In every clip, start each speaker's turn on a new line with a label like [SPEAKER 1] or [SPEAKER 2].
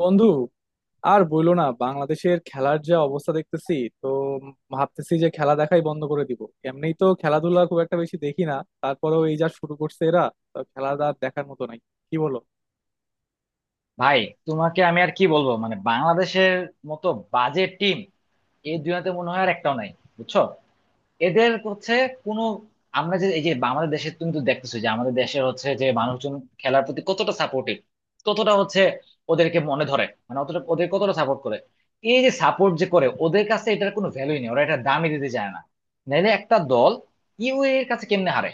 [SPEAKER 1] বন্ধু, আর বইলো না, বাংলাদেশের খেলার যা অবস্থা দেখতেছি, তো ভাবতেছি যে খেলা দেখাই বন্ধ করে দিব। এমনি তো খেলাধুলা খুব একটা বেশি দেখি না, তারপরেও এই যা শুরু করছে এরা, তো খেলা আর দেখার মতো নাই। কি বলো?
[SPEAKER 2] ভাই, তোমাকে আমি আর কি বলবো, মানে বাংলাদেশের মতো বাজে টিম এই দুনিয়াতে মনে হয় আর একটাও নাই, বুঝছো। এদের হচ্ছে কোনো আমরা যে এই যে আমাদের দেশে, তুমি তো দেখতেছো যে আমাদের দেশের হচ্ছে যে মানুষজন খেলার প্রতি কতটা সাপোর্টিভ, কতটা হচ্ছে ওদেরকে মনে ধরে, মানে অতটা ওদের কতটা সাপোর্ট করে। এই যে সাপোর্ট যে করে, ওদের কাছে এটার কোনো ভ্যালুই নেই, ওরা এটা দামই দিতে চায় না। নাহলে একটা দল ইউএই এর কাছে কেমনে হারে,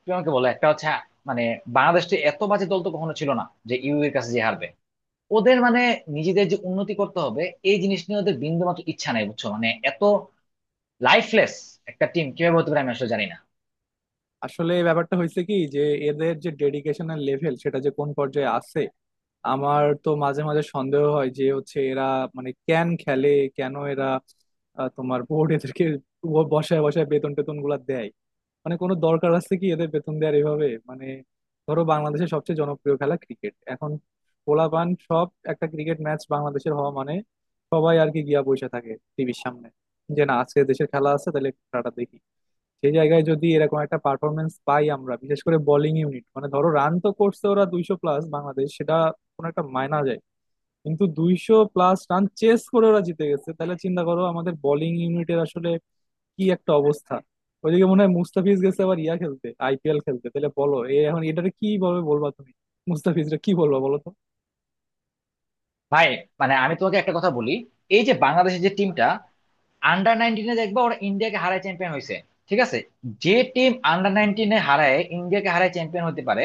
[SPEAKER 2] তুমি আমাকে বলো। একটা হচ্ছে, মানে বাংলাদেশে এত বাজে দল তো কখনো ছিল না যে ইউএই এর কাছে যে হারবে। ওদের মানে নিজেদের যে উন্নতি করতে হবে এই জিনিস নিয়ে ওদের বিন্দুমাত্র ইচ্ছা নাই, বুঝছো। মানে এত লাইফলেস একটা টিম কিভাবে হতে পারে, আমি আসলে জানি না।
[SPEAKER 1] আসলে এই ব্যাপারটা হয়েছে কি যে, এদের যে ডেডিকেশনের লেভেল সেটা যে কোন পর্যায়ে আছে, আমার তো মাঝে মাঝে সন্দেহ হয় যে হচ্ছে এরা মানে কেন খেলে, কেন এরা তোমার বোর্ড এদেরকে বসায় বসায় বেতন টেতন গুলা দেয়। মানে কোনো দরকার আছে কি এদের বেতন দেওয়ার এভাবে? মানে ধরো, বাংলাদেশের সবচেয়ে জনপ্রিয় খেলা ক্রিকেট এখন, পোলাপান সব, একটা ক্রিকেট ম্যাচ বাংলাদেশের হওয়া মানে সবাই আর কি গিয়া বসে থাকে টিভির সামনে যে না, আজকে দেশের খেলা আছে, তাহলে একটু খেলাটা দেখি। সেই জায়গায় যদি এরকম একটা পারফরমেন্স পাই আমরা, বিশেষ করে বোলিং ইউনিট, মানে ধরো রান তো করছে ওরা 200+, বাংলাদেশ সেটা কোনো একটা মায়না যায়, কিন্তু 200+ রান চেস করে ওরা জিতে গেছে তাহলে চিন্তা করো আমাদের বোলিং ইউনিটের আসলে কি একটা অবস্থা। ওইদিকে মনে হয় মুস্তাফিজ গেছে আবার ইয়া খেলতে, আইপিএল খেলতে। তাহলে বলো, এ এখন এটারে কি ভাবে বলবা তুমি? মুস্তাফিজরা, কি বলবা বলো তো।
[SPEAKER 2] ভাই, মানে আমি তোমাকে একটা কথা বলি, এই যে বাংলাদেশের যে টিমটা, আন্ডার 19-এ দেখবা ওরা ইন্ডিয়াকে হারায় চ্যাম্পিয়ন হয়েছে, ঠিক আছে। যে টিম আন্ডার 19-এ হারায় ইন্ডিয়াকে হারায় চ্যাম্পিয়ন হতে পারে,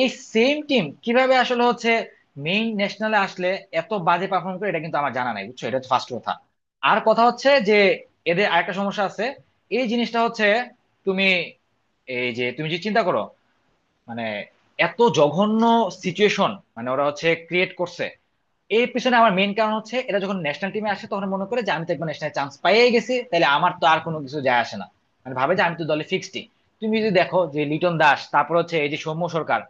[SPEAKER 2] এই সেম টিম কিভাবে আসলে হচ্ছে মেইন ন্যাশনালে আসলে এত বাজে পারফর্ম করে, এটা কিন্তু আমার জানা নাই, বুঝছো। এটা হচ্ছে ফার্স্ট কথা। আর কথা হচ্ছে যে, এদের আরেকটা সমস্যা আছে, এই জিনিসটা হচ্ছে তুমি এই যে তুমি যে চিন্তা করো, মানে এত জঘন্য সিচুয়েশন মানে ওরা হচ্ছে ক্রিয়েট করছে। এর পিছনে আমার মেইন কারণ হচ্ছে, এটা যখন ন্যাশনাল টিমে আসে তখন মনে করে যে আমি তো একবার ন্যাশনাল চান্স পাইয়ে গেছি, তাহলে আমার তো আর কোনো কিছু যায় আসে না। মানে ভাবে যে আমি তো দলে ফিক্সডই। তুমি যদি দেখো যে লিটন দাস, তারপর হচ্ছে এই যে সৌম্য সরকার,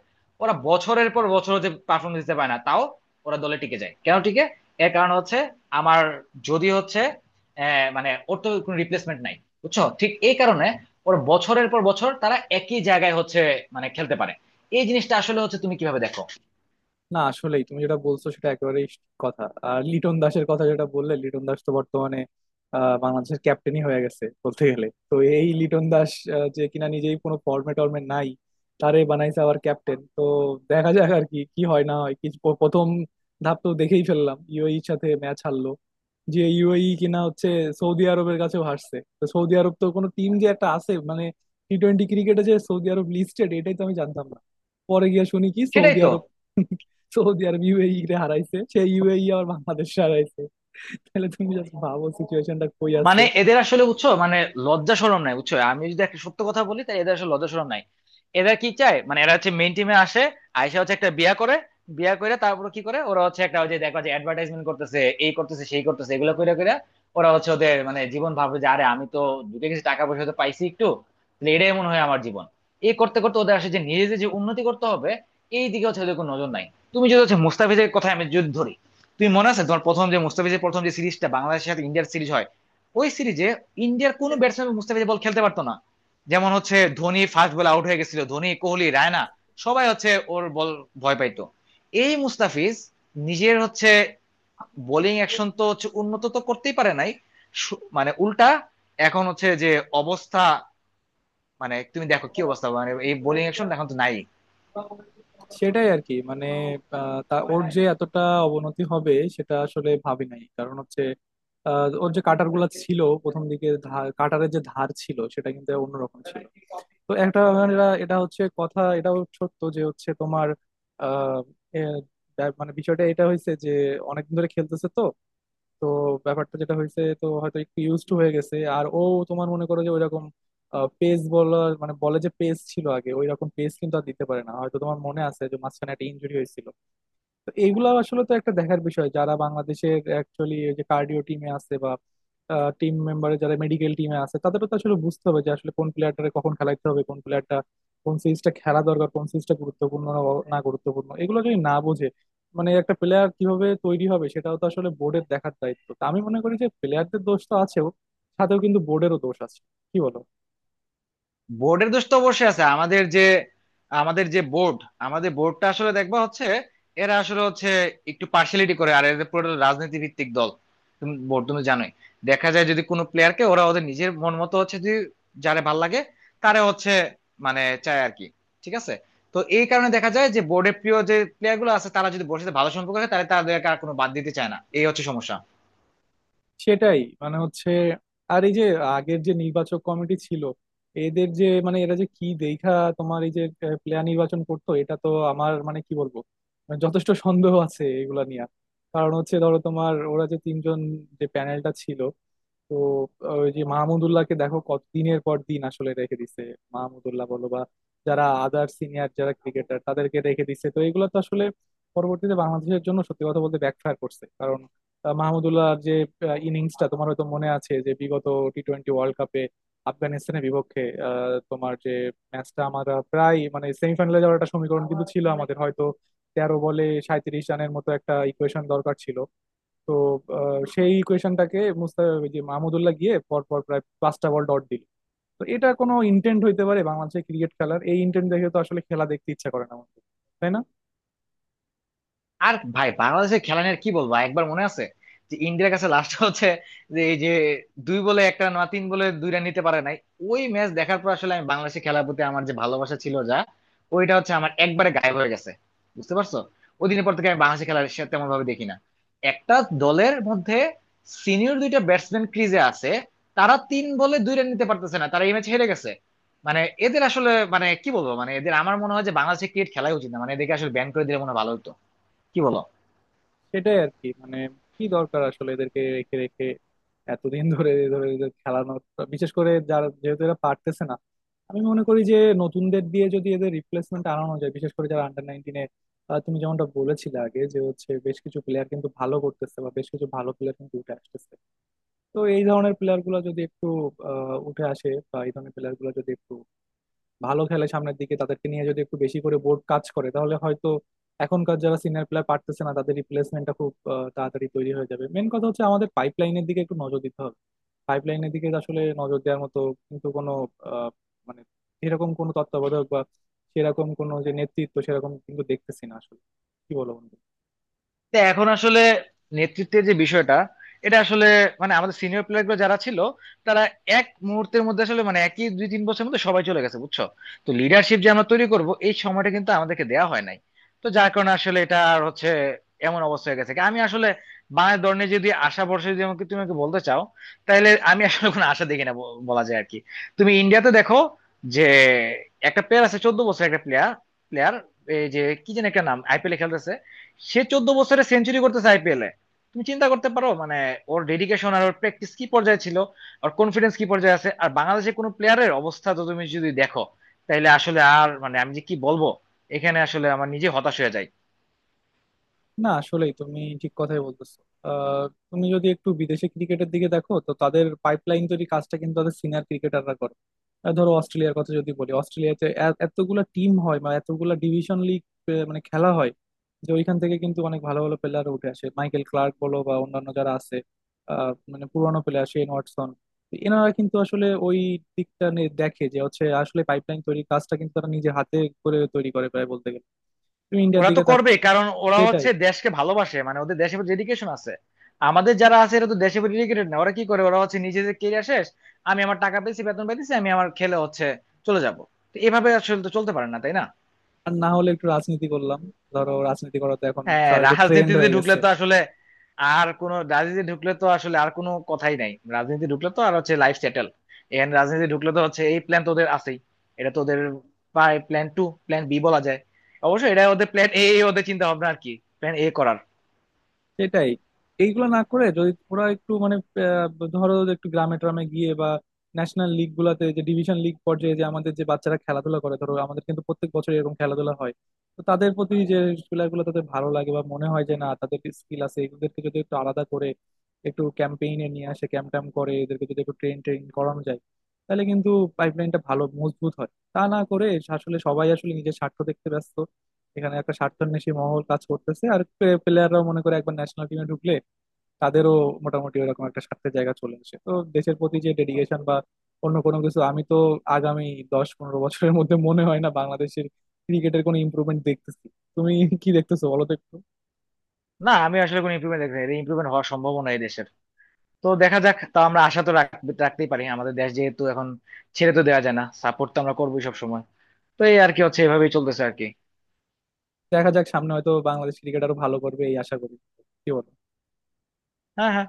[SPEAKER 2] ওরা বছরের পর বছর হচ্ছে পারফরমেন্স দিতে পারে না, তাও ওরা দলে টিকে যায়, কেন টিকে? এর কারণ হচ্ছে, আমার যদি হচ্ছে মানে ওর তো কোনো রিপ্লেসমেন্ট নাই, বুঝছো। ঠিক এই কারণে ওর বছরের পর বছর তারা একই জায়গায় হচ্ছে মানে খেলতে পারে। এই জিনিসটা আসলে হচ্ছে তুমি কিভাবে দেখো।
[SPEAKER 1] না, আসলেই তুমি যেটা বলছো সেটা একেবারেই ঠিক কথা। আর লিটন দাসের কথা যেটা বললে, লিটন দাস তো বর্তমানে বাংলাদেশের ক্যাপ্টেনই হয়ে গেছে বলতে গেলে, তো এই লিটন দাস যে কিনা নিজেই কোনো ফর্মে টর্মে নাই, তারে বানাইছে আবার ক্যাপ্টেন। তো দেখা যাক আর কি কি হয় না হয়। কিছু প্রথম ধাপ তো দেখেই ফেললাম, ইউএইর সাথে ম্যাচ হারলো। যে ইউএই কিনা হচ্ছে সৌদি আরবের কাছেও হারছে, তো সৌদি আরব তো কোনো টিম যে একটা আছে মানে, টি টোয়েন্টি ক্রিকেটে যে সৌদি আরব লিস্টেড এটাই তো আমি জানতাম না। পরে গিয়ে শুনি কি,
[SPEAKER 2] সেটাই
[SPEAKER 1] সৌদি
[SPEAKER 2] তো।
[SPEAKER 1] আরব, সৌদি আরব ইউএই রে হারাইছে, সেই ইউএই আবার বাংলাদেশ হারাইছে। তাহলে তুমি জাস্ট ভাবো সিচুয়েশনটা কই আছে।
[SPEAKER 2] মানে এদের আসলে, বুঝছো, মানে লজ্জা শরম নাই, বুঝছো। আমি যদি একটা সত্য কথা বলি, তাই এদের আসলে লজ্জা শরম নাই। এরা কি চায়? মানে এরা হচ্ছে মেইন টিমে আসে, আইসা হচ্ছে একটা বিয়া করে, বিয়া করে তারপর কি করে, ওরা হচ্ছে একটা ওই যে দেখো যে অ্যাডভার্টাইজমেন্ট করতেছে, এই করতেছে সেই করতেছে, এগুলো করে করে ওরা হচ্ছে ওদের মানে জীবন ভাবে যে আরে আমি তো ঢুকে গেছি, টাকা পয়সা তো পাইছি একটু, তাহলে এটাই মনে হয় আমার জীবন। এই করতে করতে ওদের আসলে যে নিজেদের যে উন্নতি করতে হবে এই দিকে হচ্ছে ওদের কোনো নজর নাই। তুমি যদি হচ্ছে মুস্তাফিজের কথা আমি যদি ধরি, তুমি মনে আছে তোমার প্রথম যে মুস্তাফিজের প্রথম যে সিরিজটা বাংলাদেশের সাথে ইন্ডিয়ার সিরিজ হয়, ওই সিরিজে ইন্ডিয়ার কোনো ব্যাটসম্যান মুস্তাফিজ বল খেলতে পারতো না। যেমন হচ্ছে ধোনি ফার্স্ট বলে আউট হয়ে গেছিল, ধোনি কোহলি রায়না সবাই হচ্ছে ওর বল ভয় পাইতো। এই মুস্তাফিজ নিজের হচ্ছে বোলিং অ্যাকশন তো হচ্ছে উন্নত তো করতেই পারে নাই। মানে উল্টা এখন হচ্ছে যে অবস্থা, মানে তুমি দেখো কি অবস্থা, মানে এই বোলিং অ্যাকশন এখন তো নাই।
[SPEAKER 1] সেটাই আর কি, মানে তা ওর যে এতটা অবনতি হবে সেটা আসলে ভাবি নাই। কারণ হচ্ছে, ওর যে কাটার গুলা ছিল প্রথম দিকে, ধার, কাটারের যে ধার ছিল সেটা কিন্তু অন্যরকম ছিল। তো একটা মানে এটা এটা হচ্ছে কথা। এটাও সত্য যে হচ্ছে, তোমার আহ, এ, মানে বিষয়টা এটা হয়েছে যে অনেকদিন ধরে খেলতেছে তো। তো ব্যাপারটা যেটা হয়েছে, তো হয়তো একটু ইউজ টু হয়ে গেছে। আর ও, তোমার মনে করো যে, ওইরকম পেস বলার, মানে বলে যে পেস ছিল আগে, ওইরকম পেস কিন্তু আর দিতে পারে না। হয়তো তোমার মনে আছে যে মাঝখানে একটা ইনজুরি হয়েছিল। তো এইগুলা আসলে তো একটা দেখার বিষয়, যারা বাংলাদেশের অ্যাকচুয়ালি যে কার্ডিও টিমে আছে বা টিম মেম্বারে, যারা মেডিকেল টিমে আছে, তাদেরও তো আসলে বুঝতে হবে যে আসলে কোন প্লেয়ারটারে কখন খেলাইতে হবে, কোন প্লেয়ারটা কোন সিরিজটা খেলা দরকার, কোন সিরিজটা গুরুত্বপূর্ণ না না গুরুত্বপূর্ণ, এগুলো যদি না বোঝে। মানে একটা প্লেয়ার কিভাবে তৈরি হবে সেটাও তো আসলে বোর্ডের দেখার দায়িত্ব। তা আমি মনে করি যে প্লেয়ারদের দোষ তো আছেও, সাথেও কিন্তু বোর্ডেরও দোষ আছে। কি বলো?
[SPEAKER 2] বোর্ডের দোষ তো অবশ্যই আছে। আমাদের যে আমাদের যে বোর্ড, আমাদের বোর্ডটা আসলে দেখবা হচ্ছে এরা আসলে হচ্ছে একটু পার্সিয়ালিটি করে, আর এদের পুরো রাজনীতি ভিত্তিক দল। তুমি বোর্ড তুমি জানোই, দেখা যায় যদি কোনো প্লেয়ারকে ওরা ওদের নিজের মন মতো হচ্ছে, যদি যারে ভাল লাগে তারে হচ্ছে মানে চায় আর কি, ঠিক আছে। তো এই কারণে দেখা যায় যে বোর্ডের প্রিয় যে প্লেয়ার গুলো আছে, তারা যদি বোর্ডের সাথে ভালো সম্পর্ক থাকে, তাহলে তাদেরকে আর কোনো বাদ দিতে চায় না, এই হচ্ছে সমস্যা।
[SPEAKER 1] সেটাই, মানে হচ্ছে, আর এই যে আগের যে নির্বাচক কমিটি ছিল, এদের যে, মানে এরা যে কি দেখা, তোমার এই যে প্লেয়ার নির্বাচন করতো, এটা তো আমার মানে কি বলবো, মানে যথেষ্ট সন্দেহ আছে এগুলা নিয়ে। কারণ হচ্ছে, ধরো তোমার ওরা যে তিনজন, যে প্যানেলটা ছিল, তো ওই যে মাহমুদুল্লাহকে দেখো কত দিনের পর দিন আসলে রেখে দিছে। মাহমুদুল্লাহ বলো বা যারা আদার সিনিয়র যারা ক্রিকেটার, তাদেরকে রেখে দিছে। তো এগুলো তো আসলে পরবর্তীতে বাংলাদেশের জন্য সত্যি কথা বলতে ব্যাকফায়ার করছে। কারণ মাহমুদুল্লাহর যে ইনিংসটা তোমার হয়তো মনে আছে যে বিগত টি টোয়েন্টি ওয়ার্ল্ড কাপে আফগানিস্তানের বিপক্ষে, তোমার যে ম্যাচটা আমরা প্রায় মানে সেমিফাইনালে যাওয়ার একটা সমীকরণ কিন্তু ছিল আমাদের, হয়তো 13 বলে 37 রানের মতো একটা ইকুয়েশন দরকার ছিল। তো সেই ইকুয়েশনটাকে ওই যে মাহমুদুল্লাহ গিয়ে পর পর প্রায় 5 বল ডট দিল। তো এটা কোনো ইন্টেন্ট হইতে পারে? বাংলাদেশের ক্রিকেট খেলার এই ইন্টেন্ট দেখে তো আসলে খেলা দেখতে ইচ্ছা করে না আমাদের। তাই না?
[SPEAKER 2] আর ভাই, বাংলাদেশের খেলা নিয়ে আর কি বলবো, একবার মনে আছে যে ইন্ডিয়ার কাছে লাস্ট হচ্ছে যে এই যে 2 বলে একটা না 3 বলে 2 রান নিতে পারে নাই, ওই ম্যাচ দেখার পর আসলে আমি বাংলাদেশের খেলার প্রতি আমার যে ভালোবাসা ছিল, যা ওইটা হচ্ছে আমার একবারে গায়েব হয়ে গেছে, বুঝতে পারছো। ওই দিনের পর থেকে আমি বাংলাদেশের খেলা তেমন ভাবে দেখি না। একটা দলের মধ্যে সিনিয়র দুইটা ব্যাটসম্যান ক্রিজে আছে, তারা 3 বলে 2 রান নিতে পারতেছে না, তারা এই ম্যাচ হেরে গেছে। মানে এদের আসলে মানে কি বলবো, মানে এদের আমার মনে হয় যে বাংলাদেশে ক্রিকেট খেলাই উচিত না, মানে এদেরকে আসলে ব্যান করে দিলে মনে হয় ভালো হতো, কি বলো।
[SPEAKER 1] সেটাই আর কি, মানে কি দরকার আসলে এদেরকে রেখে রেখে এতদিন ধরে ধরে এদের খেলানোর, বিশেষ করে যারা, যেহেতু এরা পারতেছে না? আমি মনে করি যে নতুনদের দিয়ে যদি এদের রিপ্লেসমেন্ট আনানো যায়, বিশেষ করে যারা আন্ডার নাইনটিনে, তুমি যেমনটা বলেছিলে আগে যে হচ্ছে বেশ কিছু প্লেয়ার কিন্তু ভালো করতেছে বা বেশ কিছু ভালো প্লেয়ার কিন্তু উঠে আসতেছে, তো এই ধরনের প্লেয়ার গুলো যদি একটু উঠে আসে বা এই ধরনের প্লেয়ার গুলো যদি একটু ভালো খেলে সামনের দিকে, তাদেরকে নিয়ে যদি একটু বেশি করে বোর্ড কাজ করে, তাহলে হয়তো এখনকার যারা সিনিয়র প্লেয়ার পারতেছে না তাদের রিপ্লেসমেন্টটা খুব তাড়াতাড়ি তৈরি হয়ে যাবে। মেন কথা হচ্ছে আমাদের পাইপলাইনের দিকে একটু নজর দিতে হবে। পাইপলাইনের দিকে আসলে নজর দেওয়ার মতো কিন্তু কোনো আহ, মানে এরকম কোনো তত্ত্বাবধায়ক বা সেরকম কোনো, যে নেতৃত্ব সেরকম কিন্তু দেখতেছি না আসলে। কি বলো বন্ধু?
[SPEAKER 2] তো এখন আসলে নেতৃত্বের যে বিষয়টা এটা আসলে, মানে আমাদের সিনিয়র প্লেয়ার গুলো যারা ছিল তারা এক মুহূর্তের মধ্যে আসলে মানে একই 2-3 বছরের মধ্যে সবাই চলে গেছে, বুঝছো। তো লিডারশিপ যে আমরা তৈরি করব এই সময়টা কিন্তু আমাদেরকে দেওয়া হয় নাই। তো যার কারণে আসলে এটা আর হচ্ছে এমন অবস্থা হয়ে গেছে। আমি আসলে বাংলাদেশ দল নিয়ে যদি আশা ভরসা যদি আমাকে তুমি আমাকে বলতে চাও, তাহলে আমি আসলে কোনো আশা দেখি না, বলা যায় আর কি। তুমি ইন্ডিয়াতে দেখো যে একটা প্লেয়ার আছে, 14 বছর একটা প্লেয়ার প্লেয়ার এই যে কি যেন একটা নাম আইপিএলে খেলতেছে, সে 14 বছরে সেঞ্চুরি করতেছে আইপিএল এ। তুমি চিন্তা করতে পারো, মানে ওর ডেডিকেশন আর ওর প্র্যাকটিস কি পর্যায়ে ছিল আর কনফিডেন্স কি পর্যায়ে আছে, আর বাংলাদেশের কোনো প্লেয়ারের অবস্থা তো তুমি যদি দেখো, তাইলে আসলে আর মানে আমি যে কি বলবো, এখানে আসলে আমার নিজে হতাশ হয়ে যায়।
[SPEAKER 1] না, আসলেই তুমি ঠিক কথাই বলতেছো। আহ, তুমি যদি একটু বিদেশি ক্রিকেটের দিকে দেখো, তো তাদের পাইপলাইন তৈরি কাজটা কিন্তু তাদের সিনিয়র ক্রিকেটাররা করে। ধরো অস্ট্রেলিয়ার কথা যদি বলি, অস্ট্রেলিয়াতে এতগুলা টিম হয় বা এতগুলা ডিভিশন লিগ, মানে খেলা হয়, যে ওইখান থেকে কিন্তু অনেক ভালো ভালো প্লেয়ার উঠে আসে, মাইকেল ক্লার্ক বলো বা অন্যান্য যারা আছে, মানে পুরোনো প্লেয়ার শেন ওয়াটসন। তো এনারা কিন্তু আসলে ওই দিকটা নিয়ে দেখে যে হচ্ছে আসলে পাইপলাইন তৈরির কাজটা কিন্তু তারা নিজে হাতে করে, তৈরি করে প্রায় বলতে গেলে। তুমি ইন্ডিয়ার
[SPEAKER 2] ওরা তো
[SPEAKER 1] দিকে তাক।
[SPEAKER 2] করবে, কারণ ওরা
[SPEAKER 1] সেটাই।
[SPEAKER 2] হচ্ছে দেশকে ভালোবাসে, মানে ওদের দেশের ডেডিকেশন আছে। আমাদের যারা আছে এরা তো দেশে ডেডিকেটেড না। ওরা কি করে, ওরা হচ্ছে নিজেদের কেরিয়ার শেষ, আমি আমার টাকা পেয়েছি, বেতন পেয়েছি, আমি আমার খেলে হচ্ছে চলে যাব। তো এভাবে আসলে তো চলতে পারে না, তাই না।
[SPEAKER 1] আর না হলে একটু রাজনীতি করলাম, ধরো, রাজনীতি করা তো এখন
[SPEAKER 2] হ্যাঁ,
[SPEAKER 1] সবাই একটু, ট্রেন্ড
[SPEAKER 2] রাজনীতিতে
[SPEAKER 1] হয়ে
[SPEAKER 2] ঢুকলে
[SPEAKER 1] গেছে।
[SPEAKER 2] তো আসলে আর কোনো, রাজনীতি ঢুকলে তো আসলে আর কোনো কথাই নাই, রাজনীতি ঢুকলে তো আর হচ্ছে লাইফ সেটেল। এখানে রাজনীতি ঢুকলে তো হচ্ছে এই প্ল্যান তো ওদের আছেই, এটা তো ওদের প্রায় প্ল্যান টু, প্ল্যান বি বলা যায়। অবশ্যই এটা ওদের প্ল্যান এ, ওদের চিন্তা ভাবনা আর কি প্ল্যান এ করার।
[SPEAKER 1] সেটাই। এইগুলো না করে যদি ওরা একটু মানে, আহ, ধরো যে একটু গ্রামে ট্রামে গিয়ে বা ন্যাশনাল লিগ গুলাতে, যে ডিভিশন লিগ পর্যায়ে যে আমাদের যে বাচ্চারা খেলাধুলা করে, ধরো আমাদের কিন্তু প্রত্যেক বছর এরকম খেলাধুলা হয়, তো তাদের প্রতি যে, খেলাগুলো তাদের ভালো লাগে বা মনে হয় যে না তাদের স্কিল আছে, এদেরকে যদি একটু আলাদা করে একটু ক্যাম্পেইনে নিয়ে আসে, ক্যাম্প ট্যাম্প করে এদেরকে যদি একটু ট্রেন ট্রেন করানো যায়, তাহলে কিন্তু পাইপলাইনটা ভালো মজবুত হয়। তা না করে আসলে সবাই আসলে নিজের স্বার্থ দেখতে ব্যস্ত। এখানে একটা স্বার্থান্বেষী মহল কাজ করতেছে, আর প্লেয়াররাও মনে করে একবার ন্যাশনাল টিমে ঢুকলে তাদেরও মোটামুটি ওরকম একটা স্বার্থের জায়গা চলে আসে। তো দেশের প্রতি যে ডেডিকেশন বা অন্য কোনো কিছু, আমি তো আগামী 10-15 বছরের মধ্যে মনে হয় না বাংলাদেশের ক্রিকেটের কোনো ইমপ্রুভমেন্ট দেখতেছি। তুমি কি দেখতেছো বলো তো একটু।
[SPEAKER 2] না, আমি আসলে কোনো ইমপ্রুভমেন্ট দেখছি না। এটা ইমপ্রুভমেন্ট হওয়ার সম্ভাবনা এই দেশের, তো দেখা যাক। তা আমরা আশা তো রাখতেই পারি, আমাদের দেশ যেহেতু, এখন ছেড়ে তো দেওয়া যায় না, সাপোর্ট তো আমরা করবোই সব সময়। তো এই আর কি হচ্ছে, এভাবেই চলতেছে আর কি।
[SPEAKER 1] দেখা যাক, সামনে হয়তো বাংলাদেশ ক্রিকেট আরো ভালো করবে, এই আশা করি। কি বলো?
[SPEAKER 2] হ্যাঁ, হ্যাঁ।